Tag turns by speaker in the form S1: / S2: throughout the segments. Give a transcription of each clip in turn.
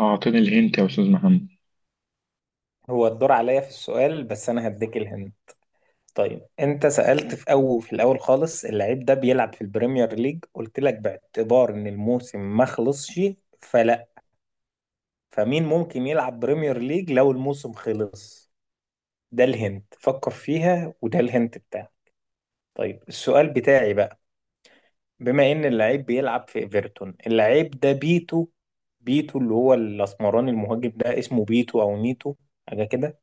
S1: أعطيني الهنت يا أستاذ محمد.
S2: هو الدور عليا في السؤال بس انا هديك الهند. طيب انت سألت في اول في الاول خالص، اللعيب ده بيلعب في البريمير ليج؟ قلت لك باعتبار ان الموسم ما خلصش فلا، فمين ممكن يلعب بريمير ليج لو الموسم خلص؟ ده الهند فكر فيها، وده الهند بتاعك. طيب السؤال بتاعي بقى، بما ان اللعيب بيلعب في ايفرتون، اللعيب ده بيتو. بيتو اللي هو الاسمراني المهاجم ده، اسمه بيتو او نيتو، حاجه كده.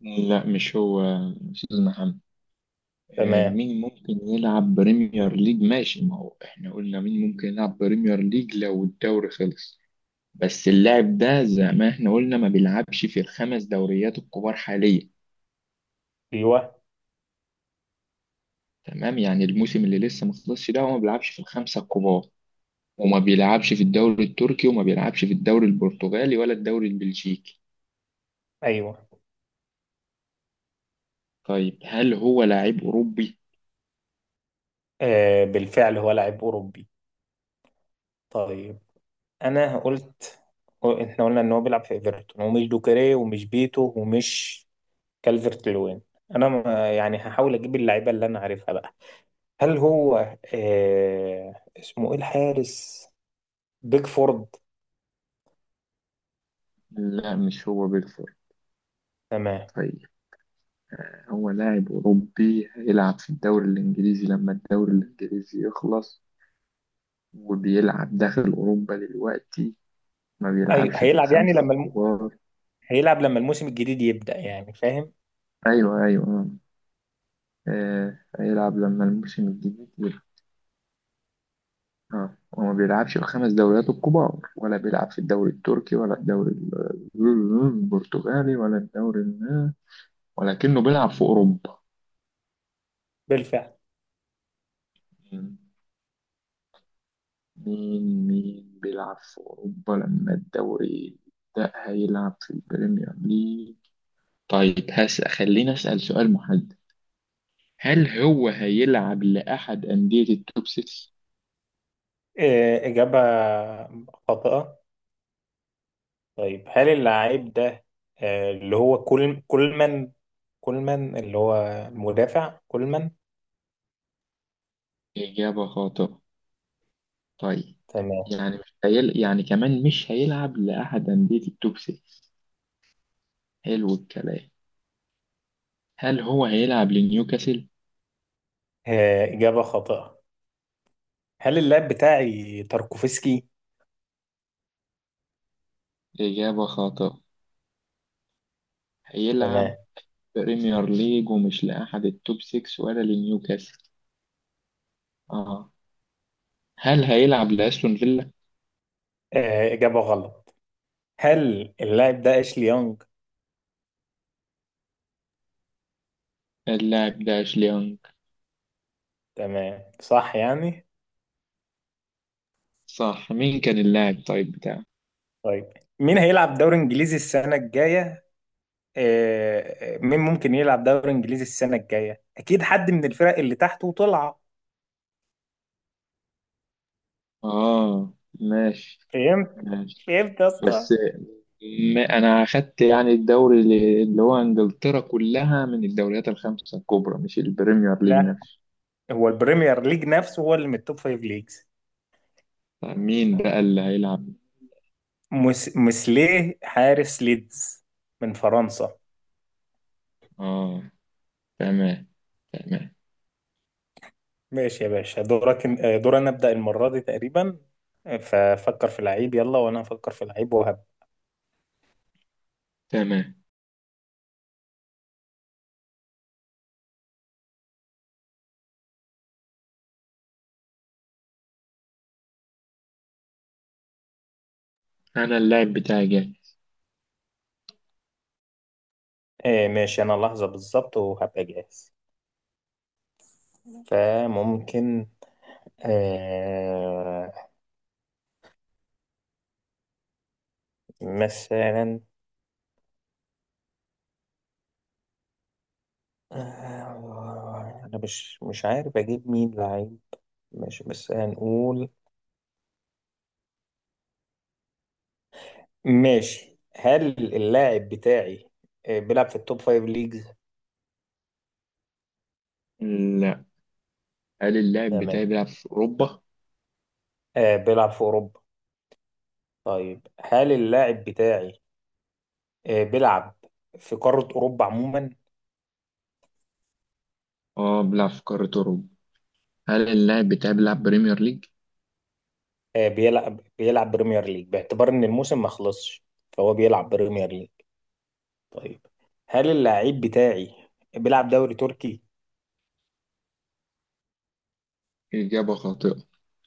S1: لا مش هو يا أستاذ محمد.
S2: تمام.
S1: مين ممكن يلعب بريمير ليج؟ ماشي، ما هو إحنا قلنا مين ممكن يلعب بريمير ليج لو الدوري خلص. بس اللاعب ده زي ما إحنا قلنا ما بيلعبش في الخمس دوريات الكبار حاليا.
S2: ايوه.
S1: تمام، يعني الموسم اللي لسه ما خلصش ده هو ما بيلعبش في الخمسة الكبار، وما بيلعبش في الدوري التركي، وما بيلعبش في الدوري البرتغالي ولا الدوري البلجيكي.
S2: ايوه.
S1: طيب، هل هو لاعب أوروبي؟
S2: آه بالفعل هو لاعب أوروبي. طيب، أنا قلت إحنا قلنا إن هو بيلعب في إيفرتون، ومش دوكري، ومش بيتو، ومش كالفرت لوين. أنا ما- يعني هحاول أجيب اللعيبة اللي أنا عارفها بقى. هل هو، آه اسمه إيه، الحارس بيكفورد؟
S1: لا مش هو بالفعل.
S2: تمام.
S1: طيب، هو لاعب أوروبي هيلعب في الدوري الإنجليزي لما الدوري الإنجليزي يخلص، وبيلعب داخل أوروبا دلوقتي، ما
S2: أيوه
S1: بيلعبش في
S2: هيلعب،
S1: الخمسة الكبار.
S2: هيلعب لما الموسم الجديد يبدأ، يعني فاهم.
S1: أيوه، أيوه، آه، هيلعب لما الموسم الجديد يبقى. آه، وما بيلعبش في الخمس دوريات الكبار، ولا بيلعب في الدوري التركي، ولا الدوري البرتغالي، ولا الدوري ولكنه بيلعب في أوروبا.
S2: بالفعل.
S1: مين بيلعب في أوروبا لما الدوري ده هيلعب في البريمير ليج؟ طيب خليني أسأل سؤال محدد. هل هو هيلعب لأحد أندية التوب 6؟
S2: آه، إجابة خاطئة. طيب هل اللعيب ده، آه، اللي هو كل كولمان، كولمان اللي هو المدافع كولمان.
S1: إجابة خاطئة. طيب،
S2: تمام.
S1: يعني مش هيل... يعني كمان مش هيلعب لأحد أندية التوب 6. حلو الكلام. هل هو هيلعب لنيوكاسل؟
S2: آه، إجابة خاطئة. هل اللاعب بتاعي تاركوفسكي؟
S1: إجابة خاطئة. هيلعب
S2: تمام.
S1: بريمير ليج ومش لأحد التوب 6 ولا لنيوكاسل. اه، هل هيلعب لأستون فيلا؟
S2: آه، إجابة غلط. هل اللاعب ده أشلي يونج؟
S1: اللاعب ده أشلي يونغ.
S2: تمام صح يعني.
S1: صح، مين كان اللاعب طيب بتاعه؟
S2: طيب مين هيلعب دوري إنجليزي السنة الجاية؟ آه، آه، مين ممكن يلعب دوري إنجليزي السنة الجاية، أكيد حد من الفرق اللي تحت وطلع.
S1: آه، ماشي،
S2: فهمت.
S1: ماشي.
S2: فهمت يا اسطى.
S1: بس أنا أخدت يعني الدوري اللي هو إنجلترا كلها من الدوريات الخمسة الكبرى، مش البريمير ليج
S2: لا،
S1: نفسه.
S2: هو البريمير ليج نفسه هو اللي من التوب فايف ليجز.
S1: طيب مين بقى اللي هيلعب؟
S2: مسليه حارس ليدز، من فرنسا.
S1: آه، تمام، تمام،
S2: ماشي يا باشا دورك، دور انا ابدا المره دي تقريبا. آه، ففكر في لعيب يلا، وانا هفكر في لعيب وهب.
S1: تمام. أنا اللاعب بتاعي جاي.
S2: آه ماشي انا لحظه بالظبط وهبقى جاهز. فممكن، آه، مثلا، آه انا مش عارف اجيب مين لعيب. ماشي بس هنقول، ماشي، هل اللاعب بتاعي، آه، بيلعب في التوب فايف ليجز؟
S1: لا. هل اللاعب
S2: تمام.
S1: بتاعي بيلعب في أوروبا؟
S2: آه بيلعب في أوروبا. طيب هل اللاعب بتاعي، آه بيلعب في قارة أوروبا عموما؟
S1: آه، بيلعب في قارة أوروبا. هل اللاعب بتاعي بيلعب بريمير ليج؟
S2: آه بيلعب، بيلعب بريمير ليج باعتبار إن الموسم ما خلصش، فهو بيلعب بريمير ليج. طيب هل اللاعب بتاعي بيلعب دوري تركي؟
S1: إجابة خاطئة.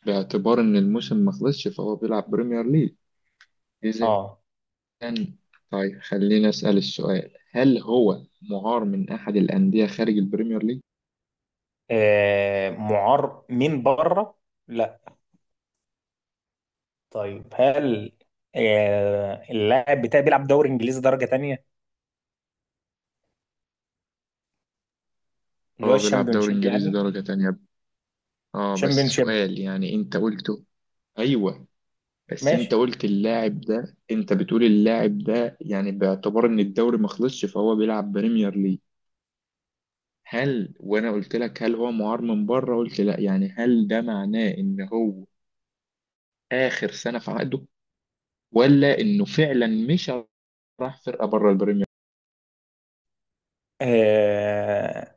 S1: باعتبار إن الموسم ما خلصش فهو بيلعب بريمير ليج. إذا
S2: اه,
S1: طيب، خلينا أسأل السؤال. هل هو معار من أحد الأندية خارج البريمير ليج؟
S2: آه معار من بره؟ لا. طيب هل، آه اللاعب بتاعي بيلعب دوري إنجليزي درجة تانية، اللي هو
S1: اه، بيلعب دوري
S2: الشامبيونشيب
S1: إنجليزي
S2: يعني.
S1: درجة تانية. اه بس
S2: شامبيونشيب.
S1: سؤال، يعني أنت قلته. أيوه. بس أنت
S2: ماشي.
S1: قلت اللاعب ده، أنت بتقول اللاعب ده يعني باعتبار إن الدوري ما خلصش فهو بيلعب بريمير ليج. هل، وأنا قلت لك هل هو معار من بره، قلت لا، يعني هل ده معناه إن هو آخر سنة في عقده؟ ولا انه فعلا مش راح فرقه بره البريمير.
S2: آه،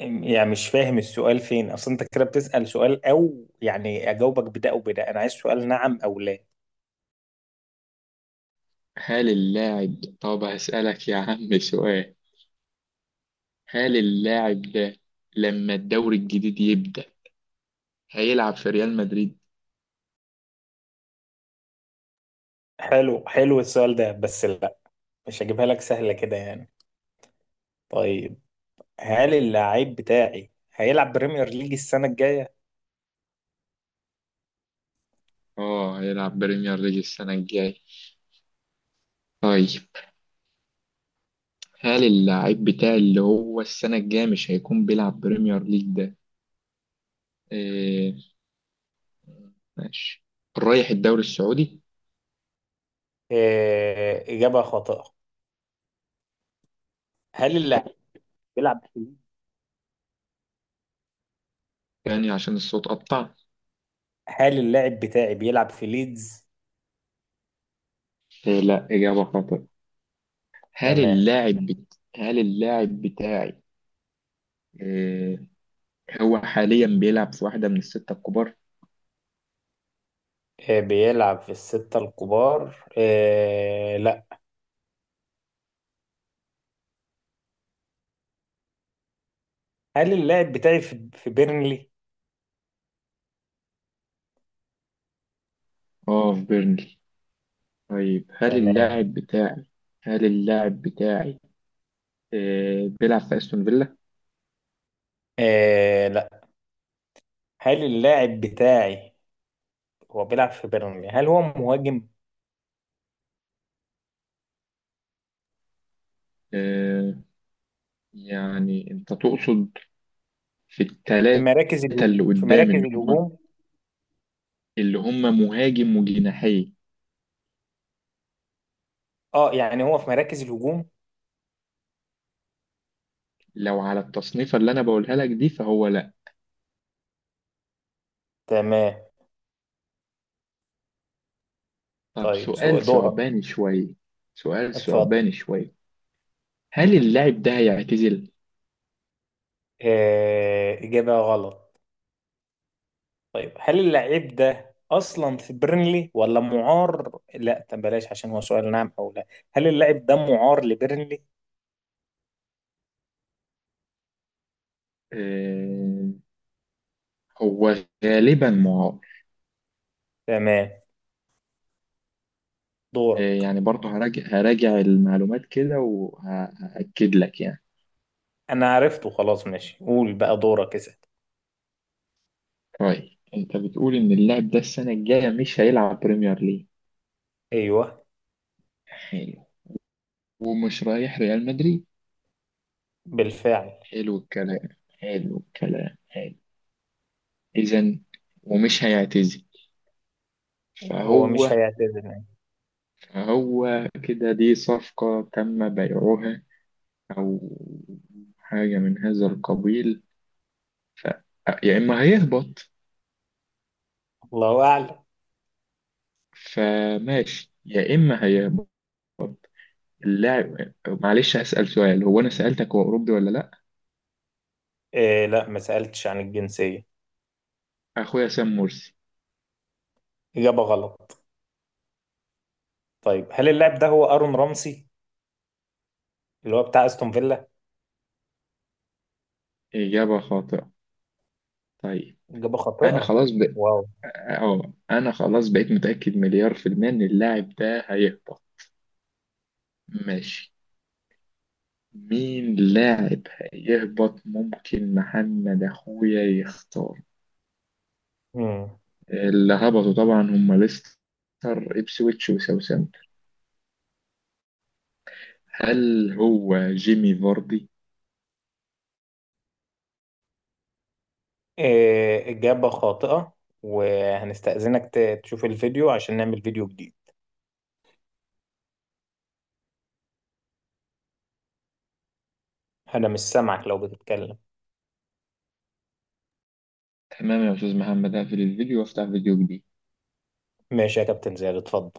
S2: يعني مش فاهم السؤال فين اصل، انت كده بتسأل سؤال او يعني اجاوبك بده او بده، انا عايز سؤال نعم او لا.
S1: هل اللاعب، طب هسألك يا عم سؤال. هل اللاعب ده لما الدوري الجديد يبدأ هيلعب في ريال مدريد؟
S2: حلو حلو السؤال ده، بس لا، مش هجيبها لك سهلة كده يعني. طيب هل اللاعب بتاعي هيلعب بريمير ليج السنة الجاية؟
S1: اه، هيلعب بريمير ليج السنة الجاية. طيب، هل اللاعب بتاع اللي هو السنة الجاية مش هيكون بيلعب بريمير ليج ده؟ إيه، ماشي، رايح الدوري السعودي؟
S2: آه إجابة خاطئة. هل اللاعب بيلعب في ليدز؟
S1: يعني عشان الصوت قطع؟
S2: هل اللاعب بتاعي بيلعب في ليدز؟
S1: إيه لا، إجابة خاطئة.
S2: تمام.
S1: هل اللاعب بتاعي آه، هو حاليا بيلعب في واحدة من الستة الكبار؟
S2: آه بيلعب في الستة الكبار؟ آه لا. هل اللاعب بتاعي في بيرنلي؟
S1: اه، في بيرنلي. طيب هل
S2: تمام.
S1: اللاعب بتاعي هل اللاعب بتاعي بيلعب في استون فيلا؟
S2: آه لا. هل اللاعب بتاعي، هو بيلعب في بيرنلي، هل هو مهاجم؟
S1: آه، يعني انت تقصد في
S2: في
S1: التلاتة
S2: مراكز الهجوم
S1: اللي
S2: في
S1: قدام،
S2: مراكز
S1: اللي هم
S2: الهجوم.
S1: اللي هم مهاجم وجناحي.
S2: اه يعني هو في مراكز الهجوم.
S1: لو على التصنيفة اللي انا بقولها لك دي فهو لا.
S2: تمام.
S1: طب
S2: طيب سو
S1: سؤال
S2: دورك.
S1: ثعباني شوية. سؤال
S2: اتفضل.
S1: ثعباني شوية. هل اللاعب ده هيعتزل؟
S2: آه إجابة غلط. طيب هل اللاعب ده أصلا في بيرنلي ولا معار؟ لا طب بلاش، عشان هو سؤال نعم أو لا. هل اللاعب ده معار لبيرنلي؟
S1: آه، هو غالبا معاق.
S2: تمام.
S1: آه،
S2: دورك.
S1: يعني برضه هراجع المعلومات كده وهأكد لك يعني.
S2: أنا عرفته خلاص، ماشي قول بقى دورك اسأل.
S1: طيب انت بتقول ان اللاعب ده السنة الجاية مش هيلعب بريمير ليج.
S2: ايوه.
S1: حلو. ومش رايح ريال مدريد.
S2: بالفعل.
S1: حلو الكلام. حلو الكلام، حلو. اذا ومش هيعتزل.
S2: هو
S1: فهو
S2: مش هيعتذر يعني.
S1: فهو كده، دي صفقة تم بيعها، او حاجة من هذا القبيل. ف... يا اما هيهبط.
S2: الله أعلم.
S1: فماشي، يا اما هيهبط. اللاعب، معلش هسأل سؤال. هو أنا سألتك هو أوروبي ولا لأ؟
S2: إيه لا، ما سألتش عن الجنسية.
S1: أخويا سام مرسي.
S2: إجابة غلط. طيب هل اللاعب ده هو أرون رامسي، اللي هو بتاع أستون فيلا؟
S1: إجابة خاطئة. طيب
S2: إجابة
S1: أنا
S2: خاطئة.
S1: خلاص ب...
S2: واو.
S1: أنا خلاص بقيت متأكد مليار في المية إن اللاعب ده هيهبط. ماشي. مين لاعب هيهبط ممكن محمد أخويا يختار.
S2: مم.
S1: اللي هبطوا طبعا هم ليستر، إبسويتش، وساوثهامبتون. هل هو جيمي فاردي؟
S2: إيه إجابة خاطئة. وهنستأذنك تشوف الفيديو عشان نعمل فيديو جديد. أنا مش سامعك لو بتتكلم.
S1: تمام يا أستاذ محمد، هقفل الفيديو وأفتح فيديو جديد.
S2: ماشي يا كابتن زياد اتفضل.